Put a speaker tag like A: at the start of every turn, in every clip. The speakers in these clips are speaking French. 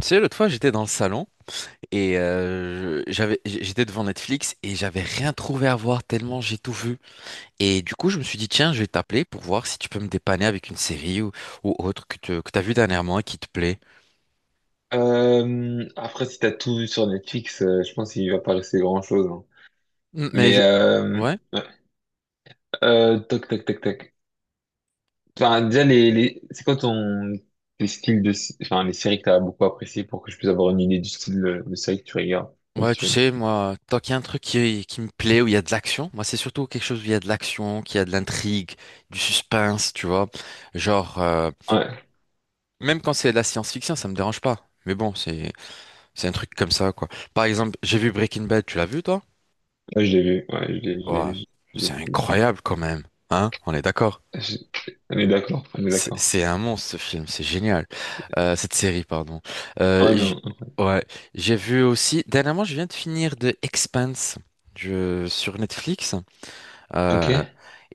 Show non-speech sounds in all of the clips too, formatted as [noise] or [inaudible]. A: Tu sais, l'autre fois, j'étais dans le salon et j'avais, j'étais devant Netflix et j'avais rien trouvé à voir tellement j'ai tout vu. Et du coup, je me suis dit, tiens, je vais t'appeler pour voir si tu peux me dépanner avec une série ou autre que t'as vu dernièrement et qui te plaît.
B: Après, si t'as tout vu sur Netflix, je pense qu'il va pas rester grand-chose, hein.
A: Mm, mais
B: Mais
A: je. Ouais,
B: ouais. Euh, toc, toc, toc, toc. Enfin, déjà, les... c'est quoi ton les styles de, enfin, les séries que t'as beaucoup appréciées pour que je puisse avoir une idée du style de série que tu regardes ou que
A: ouais, tu
B: tu aimes.
A: sais, moi, tant qu'il y a un truc qui me plaît, où il y a de l'action, moi, c'est surtout quelque chose où il y a de l'action, qu'il y a de l'intrigue, du suspense, tu vois. Genre,
B: Ouais,
A: même quand c'est de la science-fiction, ça me dérange pas. Mais bon. C'est un truc comme ça, quoi. Par exemple, j'ai vu Breaking Bad, tu l'as vu, toi?
B: ouais, je l'ai vu. Ouais, je l'ai, je
A: Ouah,
B: l'ai, je
A: c'est
B: l'ai- je l'ai-
A: incroyable quand même. Hein? On est d'accord.
B: je on est d'accord, on est
A: C'est
B: d'accord.
A: c'est un monstre ce film, c'est génial. Cette série, pardon. Euh,
B: Oh
A: j-
B: non.
A: ouais, j'ai vu aussi. Dernièrement, je viens de finir The Expanse sur Netflix.
B: Ok.
A: Euh,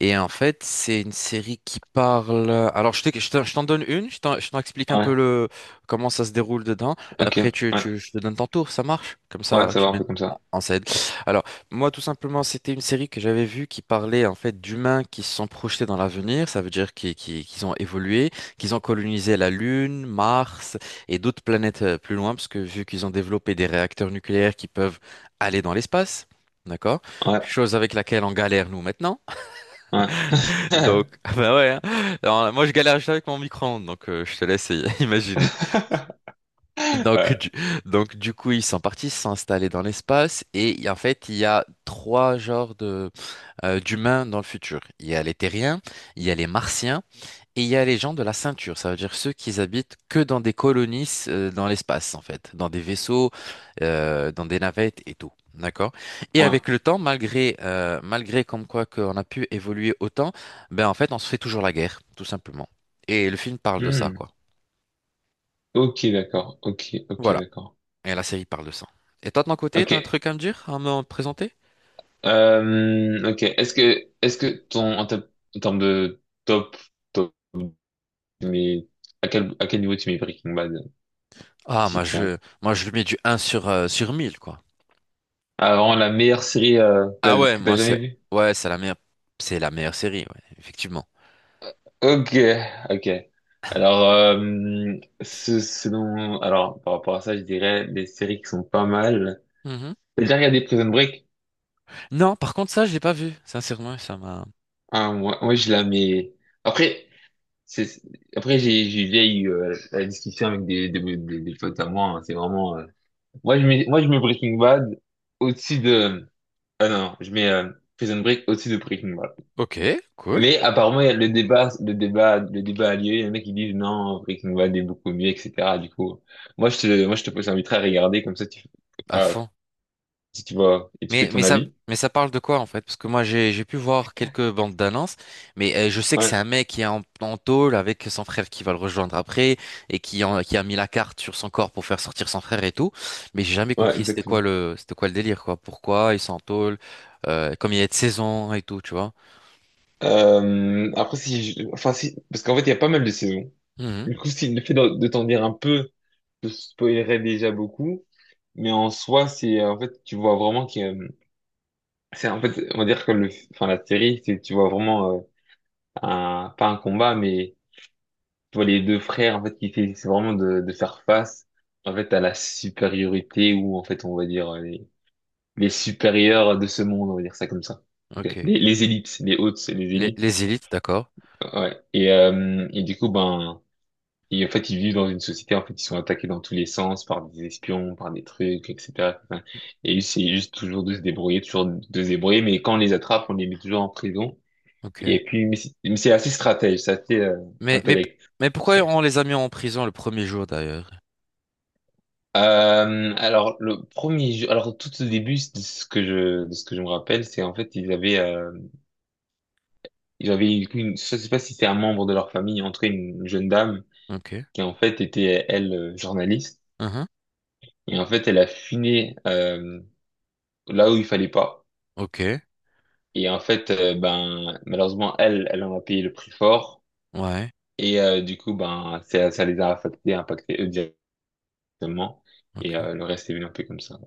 A: et en fait, c'est une série qui parle. Alors, je t'en donne une, je t'en explique un peu
B: Ouais.
A: le comment ça se déroule dedans.
B: Ok.
A: Après,
B: Ouais.
A: je te donne ton tour, ça marche? Comme
B: Ouais,
A: ça,
B: ça
A: tu
B: va, on
A: mets
B: fait comme
A: en
B: ça.
A: en scène. Alors, moi, tout simplement, c'était une série que j'avais vue qui parlait en fait d'humains qui se sont projetés dans l'avenir. Ça veut dire qu'ils ont évolué, qu'ils ont colonisé la Lune, Mars et d'autres planètes plus loin, parce que vu qu'ils ont développé des réacteurs nucléaires qui peuvent aller dans l'espace. D'accord?
B: Ouais.
A: Chose avec laquelle on galère nous maintenant.
B: Ouais.
A: Donc, [laughs] bah ouais. Hein. Alors, moi, je galère juste avec mon micro-ondes, donc je te laisse [laughs] imaginer.
B: [laughs]
A: Donc,
B: Ouais.
A: du, donc du coup, ils sont partis s'installer dans l'espace et en fait, il y a trois genres de d'humains dans le futur. Il y a les terriens, il y a les martiens. Et il y a les gens de la ceinture, ça veut dire ceux qui habitent que dans des colonies dans l'espace, en fait, dans des vaisseaux, dans des navettes et tout. D'accord? Et
B: Ouais.
A: avec le temps, malgré comme quoi qu'on a pu évoluer autant, ben en fait, on se fait toujours la guerre, tout simplement. Et le film parle de ça,
B: Hmm.
A: quoi.
B: Ok, d'accord. Ok, ok,
A: Voilà.
B: d'accord.
A: Et la série parle de ça. Et toi, de ton côté,
B: Ok.
A: t'as un truc à me dire, à me présenter?
B: Ok. Est-ce que en termes de top, top, mais à quel niveau tu mets Breaking Bad,
A: Ah,
B: si tu as,
A: moi, je lui mets du un sur 1000 quoi.
B: ah, vraiment la meilleure série que
A: Ah
B: t'as
A: ouais,
B: que t'as
A: moi,
B: jamais vue?
A: ouais, c'est la meilleure série, ouais, effectivement.
B: Ok, ok. Alors, ce, selon, alors par rapport à ça, je dirais des séries qui sont pas mal.
A: Mhm.
B: T'as déjà regardé Prison Break?
A: Non, par contre, ça, je l'ai pas vu. Sincèrement, ça m'a
B: Ah, moi, je la mets. Après, c'est, c'est- après, j'ai déjà eu la discussion avec des potes à moi, hein. C'est vraiment, moi, je mets Breaking Bad au-dessus de. Ah non, je mets Prison Break au-dessus de Breaking Bad.
A: ok, cool.
B: Mais apparemment, il y a le débat a lieu. Il y en a qui disent non, Breaking Bad est beaucoup mieux, etc. Du coup, moi, je te t'inviterai à regarder comme ça, tu,
A: À
B: ah,
A: fond.
B: si tu vois et tu fais
A: Mais,
B: ton
A: mais ça,
B: avis.
A: mais ça parle de quoi, en fait? Parce que moi, j'ai pu voir quelques bandes d'annonces, mais je sais que c'est
B: Ouais,
A: un mec qui est en tôle avec son frère qui va le rejoindre après et qui a mis la carte sur son corps pour faire sortir son frère et tout. Mais j'ai jamais
B: ouais,
A: compris c'était quoi
B: exactement.
A: le, c'était quoi le délire, quoi. Pourquoi ils sont en tôle, comme il y a de saison et tout, tu vois.
B: Après, si, je- enfin, si, parce qu'en fait, il y a pas mal de saisons.
A: Mhm,
B: Du coup, si le fait de t'en dire un peu te spoilerais déjà beaucoup, mais en soi, c'est en fait, tu vois vraiment que c'est en fait, on va dire que le, enfin la série, c'est tu vois vraiment un pas un combat, mais tu vois les deux frères en fait qui fait, c'est vraiment de faire face en fait à la supériorité ou en fait on va dire les supérieurs de ce monde, on va dire ça comme ça. Ok.
A: ok.
B: Les élites, les hautes, les
A: Les,
B: élites.
A: les élites, d'accord.
B: Ouais. Et du coup ben et en fait, ils vivent dans une société, en fait, ils sont attaqués dans tous les sens par des espions, par des trucs, etc. Enfin, et c'est juste toujours de se débrouiller, toujours de se débrouiller, mais quand on les attrape, on les met toujours en prison.
A: Ok.
B: Et puis, mais c'est assez stratège, c'est assez
A: Mais, mais,
B: intellect.
A: mais pourquoi
B: C'est-
A: on les a mis en prison le premier jour, d'ailleurs?
B: Alors, le premier jeu, alors tout au début de ce que je, de ce que je me rappelle, c'est en fait, ils avaient une, je sais pas si c'était un membre de leur famille, en tout cas une jeune dame
A: Ok.
B: qui en fait était, elle, journaliste.
A: Mhm.
B: Et en fait, elle a fini là où il fallait pas.
A: Ok,
B: Et en fait, ben malheureusement, elle, elle en a payé le prix fort.
A: ouais,
B: Et du coup, ben ça les a affectés, impactés eux directement. Et
A: ok,
B: le reste est venu un peu comme ça.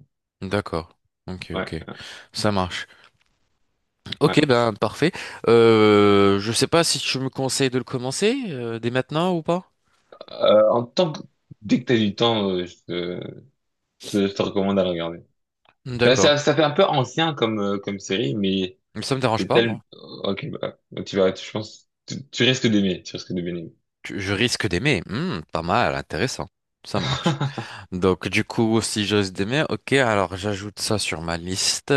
A: d'accord, ok,
B: Ouais,
A: ok, ça marche. Ok,
B: ouais.
A: ben parfait. Je sais pas si tu me conseilles de le commencer dès maintenant ou pas.
B: En tant que dès que t'as du temps, je te recommande à le regarder. Ça,
A: D'accord,
B: ça, ça fait un peu ancien comme comme série, mais
A: ça me dérange
B: c'est
A: pas, moi.
B: tel. Ok, bah, tu vas, tu, je pense, tu risques d'aimer, tu risques de bien aimer.
A: Je risque d'aimer. Hmm, pas mal, intéressant. Ça marche. Donc, du coup, si j'ose d'aimer, ok, alors j'ajoute ça sur ma liste.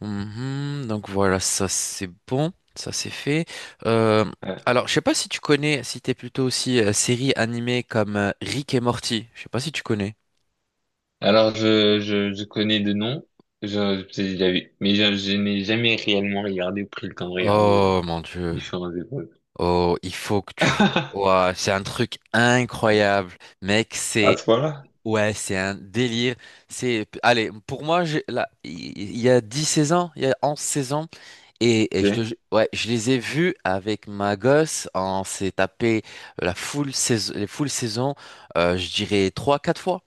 A: Mhm, donc voilà, ça c'est bon, ça c'est fait. Euh,
B: [laughs]
A: alors, je sais pas si tu connais, si t'es plutôt aussi série animée comme Rick et Morty. Je sais pas si tu connais.
B: Alors, je connais de noms, mais je n'ai jamais réellement regardé ou pris le temps de regarder
A: Oh mon Dieu.
B: différentes épreuves.
A: Oh, il faut que tu vois.
B: [laughs]
A: Ouah, c'est un truc incroyable. Mec,
B: À
A: c'est
B: ce point-là?
A: ouais, c'est un délire. Allez, pour moi, là, il y a 10, 16 ans, il y a 11, 16 ans, et
B: Ok.
A: ouais, je les ai vus avec ma gosse. On s'est tapé les full saisons, je dirais trois, quatre fois.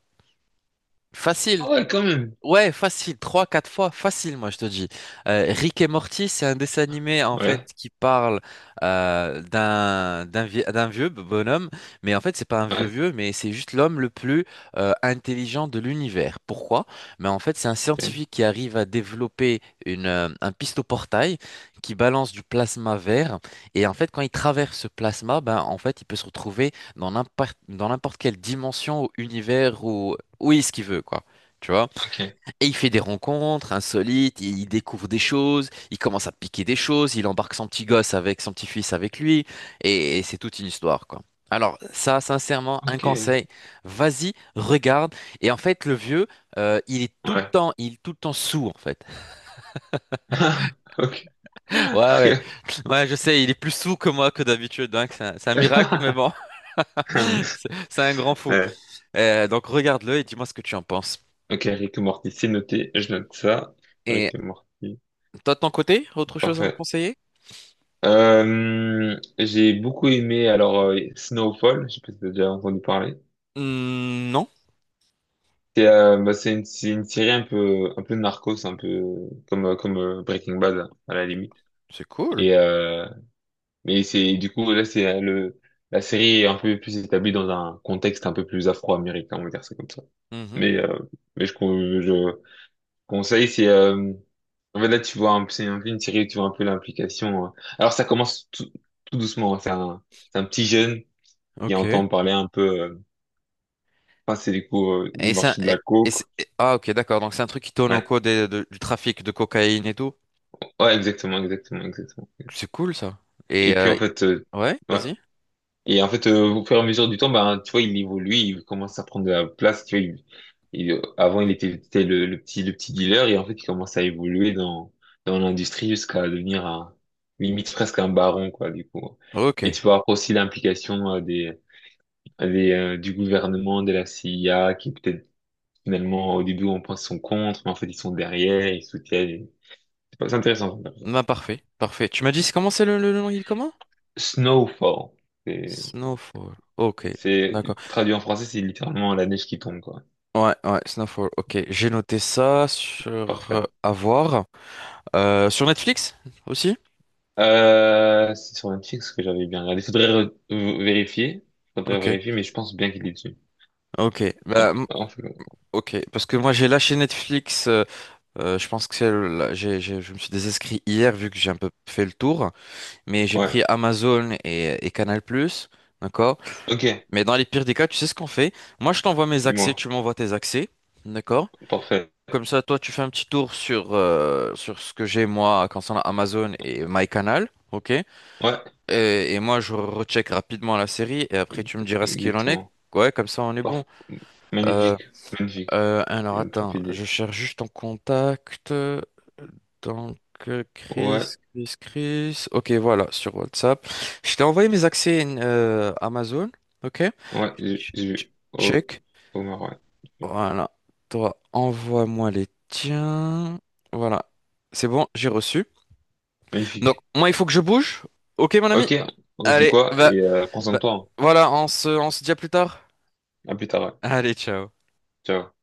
A: Facile.
B: Ah ouais, quand même.
A: Ouais, facile, trois, quatre fois, facile, moi je te dis. Rick et Morty, c'est un dessin animé en fait
B: Ouais,
A: qui parle d'un vieux bonhomme, mais en fait c'est pas un vieux
B: ouais,
A: vieux, mais c'est juste l'homme le plus intelligent de l'univers. Pourquoi? Mais en fait c'est un
B: ok,
A: scientifique qui arrive à développer une un pistoportail qui balance du plasma vert, et en fait quand il traverse ce plasma, ben en fait il peut se retrouver dans n'importe quelle dimension ou univers ou où est-ce qu'il veut quoi. Tu vois?
B: ok,
A: Et il fait des rencontres insolites, il découvre des choses, il commence à piquer des choses, il embarque son petit-fils avec lui, et c'est toute une histoire, quoi. Alors ça, sincèrement, un
B: ok,
A: conseil, vas-y, regarde. Et en fait, le vieux, il est tout le
B: ouais.
A: temps, il est tout le temps sourd, en fait.
B: [laughs] Ok.
A: [laughs] Ouais, ouais, ouais, je sais, il est plus sourd que moi que d'habitude, hein, que c'est un miracle, mais
B: Ok.
A: bon,
B: [laughs]
A: [laughs] c'est un grand fou.
B: Ouais.
A: Donc regarde-le et dis-moi ce que tu en penses.
B: Ok, Rick et Morty, c'est noté, je note ça.
A: Et
B: Rick et Morty,
A: toi, de ton côté, autre chose à me
B: parfait.
A: conseiller?
B: J'ai beaucoup aimé alors Snowfall, je sais pas si t'as déjà entendu parler.
A: Hmm, non,
B: C'est bah, c'est une série un peu narcos un peu comme comme Breaking Bad à la limite
A: c'est cool.
B: et mais c'est du coup là c'est le la série est un peu plus établie dans un contexte un peu plus afro-américain on va dire ça comme ça mais euh, mais je conseille c'est en fait là tu vois un peu- c'est un peu une série où tu vois un peu l'implication. Alors ça commence tout, tout doucement hein. C'est un c'est un petit jeune qui
A: Ok.
B: entend parler un peu enfin c'est du coup du
A: Et ça,
B: marché de la
A: et c'est-
B: coke.
A: et- Ah, ok, d'accord, donc c'est un truc qui tourne au
B: Ouais,
A: cours du trafic de cocaïne et tout.
B: ouais, exactement, exactement, exactement.
A: C'est cool ça. Et
B: Et puis en fait,
A: ouais,
B: ouais.
A: vas-y.
B: Et en fait, au fur et à mesure du temps, ben, tu vois, il évolue, il commence à prendre de la place. Tu vois, avant, il était, c'était le petit dealer, et en fait, il commence à évoluer dans, dans l'industrie jusqu'à devenir un, limite presque un baron, quoi, du coup. Et
A: Ok.
B: tu vas avoir aussi l'implication des, du gouvernement, de la CIA, qui peut-être finalement, au début, on pense qu'ils sont contre, mais en fait, ils sont derrière, ils soutiennent. C'est pas- c'est intéressant.
A: Bah parfait, parfait. Tu m'as dit comment c'est le nom, il est comment?
B: Snowfall.
A: Snowfall. Ok,
B: C'est
A: d'accord.
B: traduit en français, c'est littéralement la neige qui tombe, quoi.
A: Ouais, ouais, Snowfall. Ok, j'ai noté ça sur
B: Parfait.
A: à voir. Sur Netflix aussi?
B: C'est sur Netflix que j'avais bien regardé. Vérifier. Faudrait
A: Ok,
B: vérifier, mais je pense bien qu'il est dessus.
A: ok. Bah
B: Ouais.
A: ok, parce que moi j'ai lâché Netflix. Je pense que là, je me suis désinscrit hier vu que j'ai un peu fait le tour. Mais j'ai pris
B: Ouais.
A: Amazon et Canal+, d'accord?
B: Ok.
A: Mais dans les pires des cas, tu sais ce qu'on fait? Moi, je t'envoie mes accès,
B: Dis-moi.
A: tu m'envoies tes accès, d'accord?
B: Parfait.
A: Comme ça, toi, tu fais un petit tour sur ce que j'ai, moi, concernant Amazon et MyCanal, ok? Et,
B: Ouais.
A: et moi, je recheck rapidement la série et après, tu me diras ce qu'il en est.
B: Exactement.
A: Ouais, comme ça, on est bon.
B: Parfait.
A: Euh,
B: Magnifique. Magnifique.
A: alors
B: C'est une propre
A: attends, je
B: idée.
A: cherche juste ton contact. Donc Chris,
B: Ouais.
A: Chris, Chris. Ok, voilà, sur WhatsApp. Je t'ai envoyé mes accès Amazon. Ok?
B: Ouais. J'ai
A: Ch-
B: j'ai
A: ch-
B: vu. Au,
A: Check.
B: au Maroc.
A: Voilà. Toi, envoie-moi les tiens. Voilà. C'est bon, j'ai reçu. Donc,
B: Magnifique.
A: moi, il faut que je bouge. Ok, mon ami?
B: Ok. On se dit
A: Allez,
B: quoi?
A: bah,
B: Et prends soin de
A: bah,
B: toi, hein.
A: voilà, on se dit à plus tard.
B: À plus tard, ouais.
A: Allez, ciao.
B: Ciao.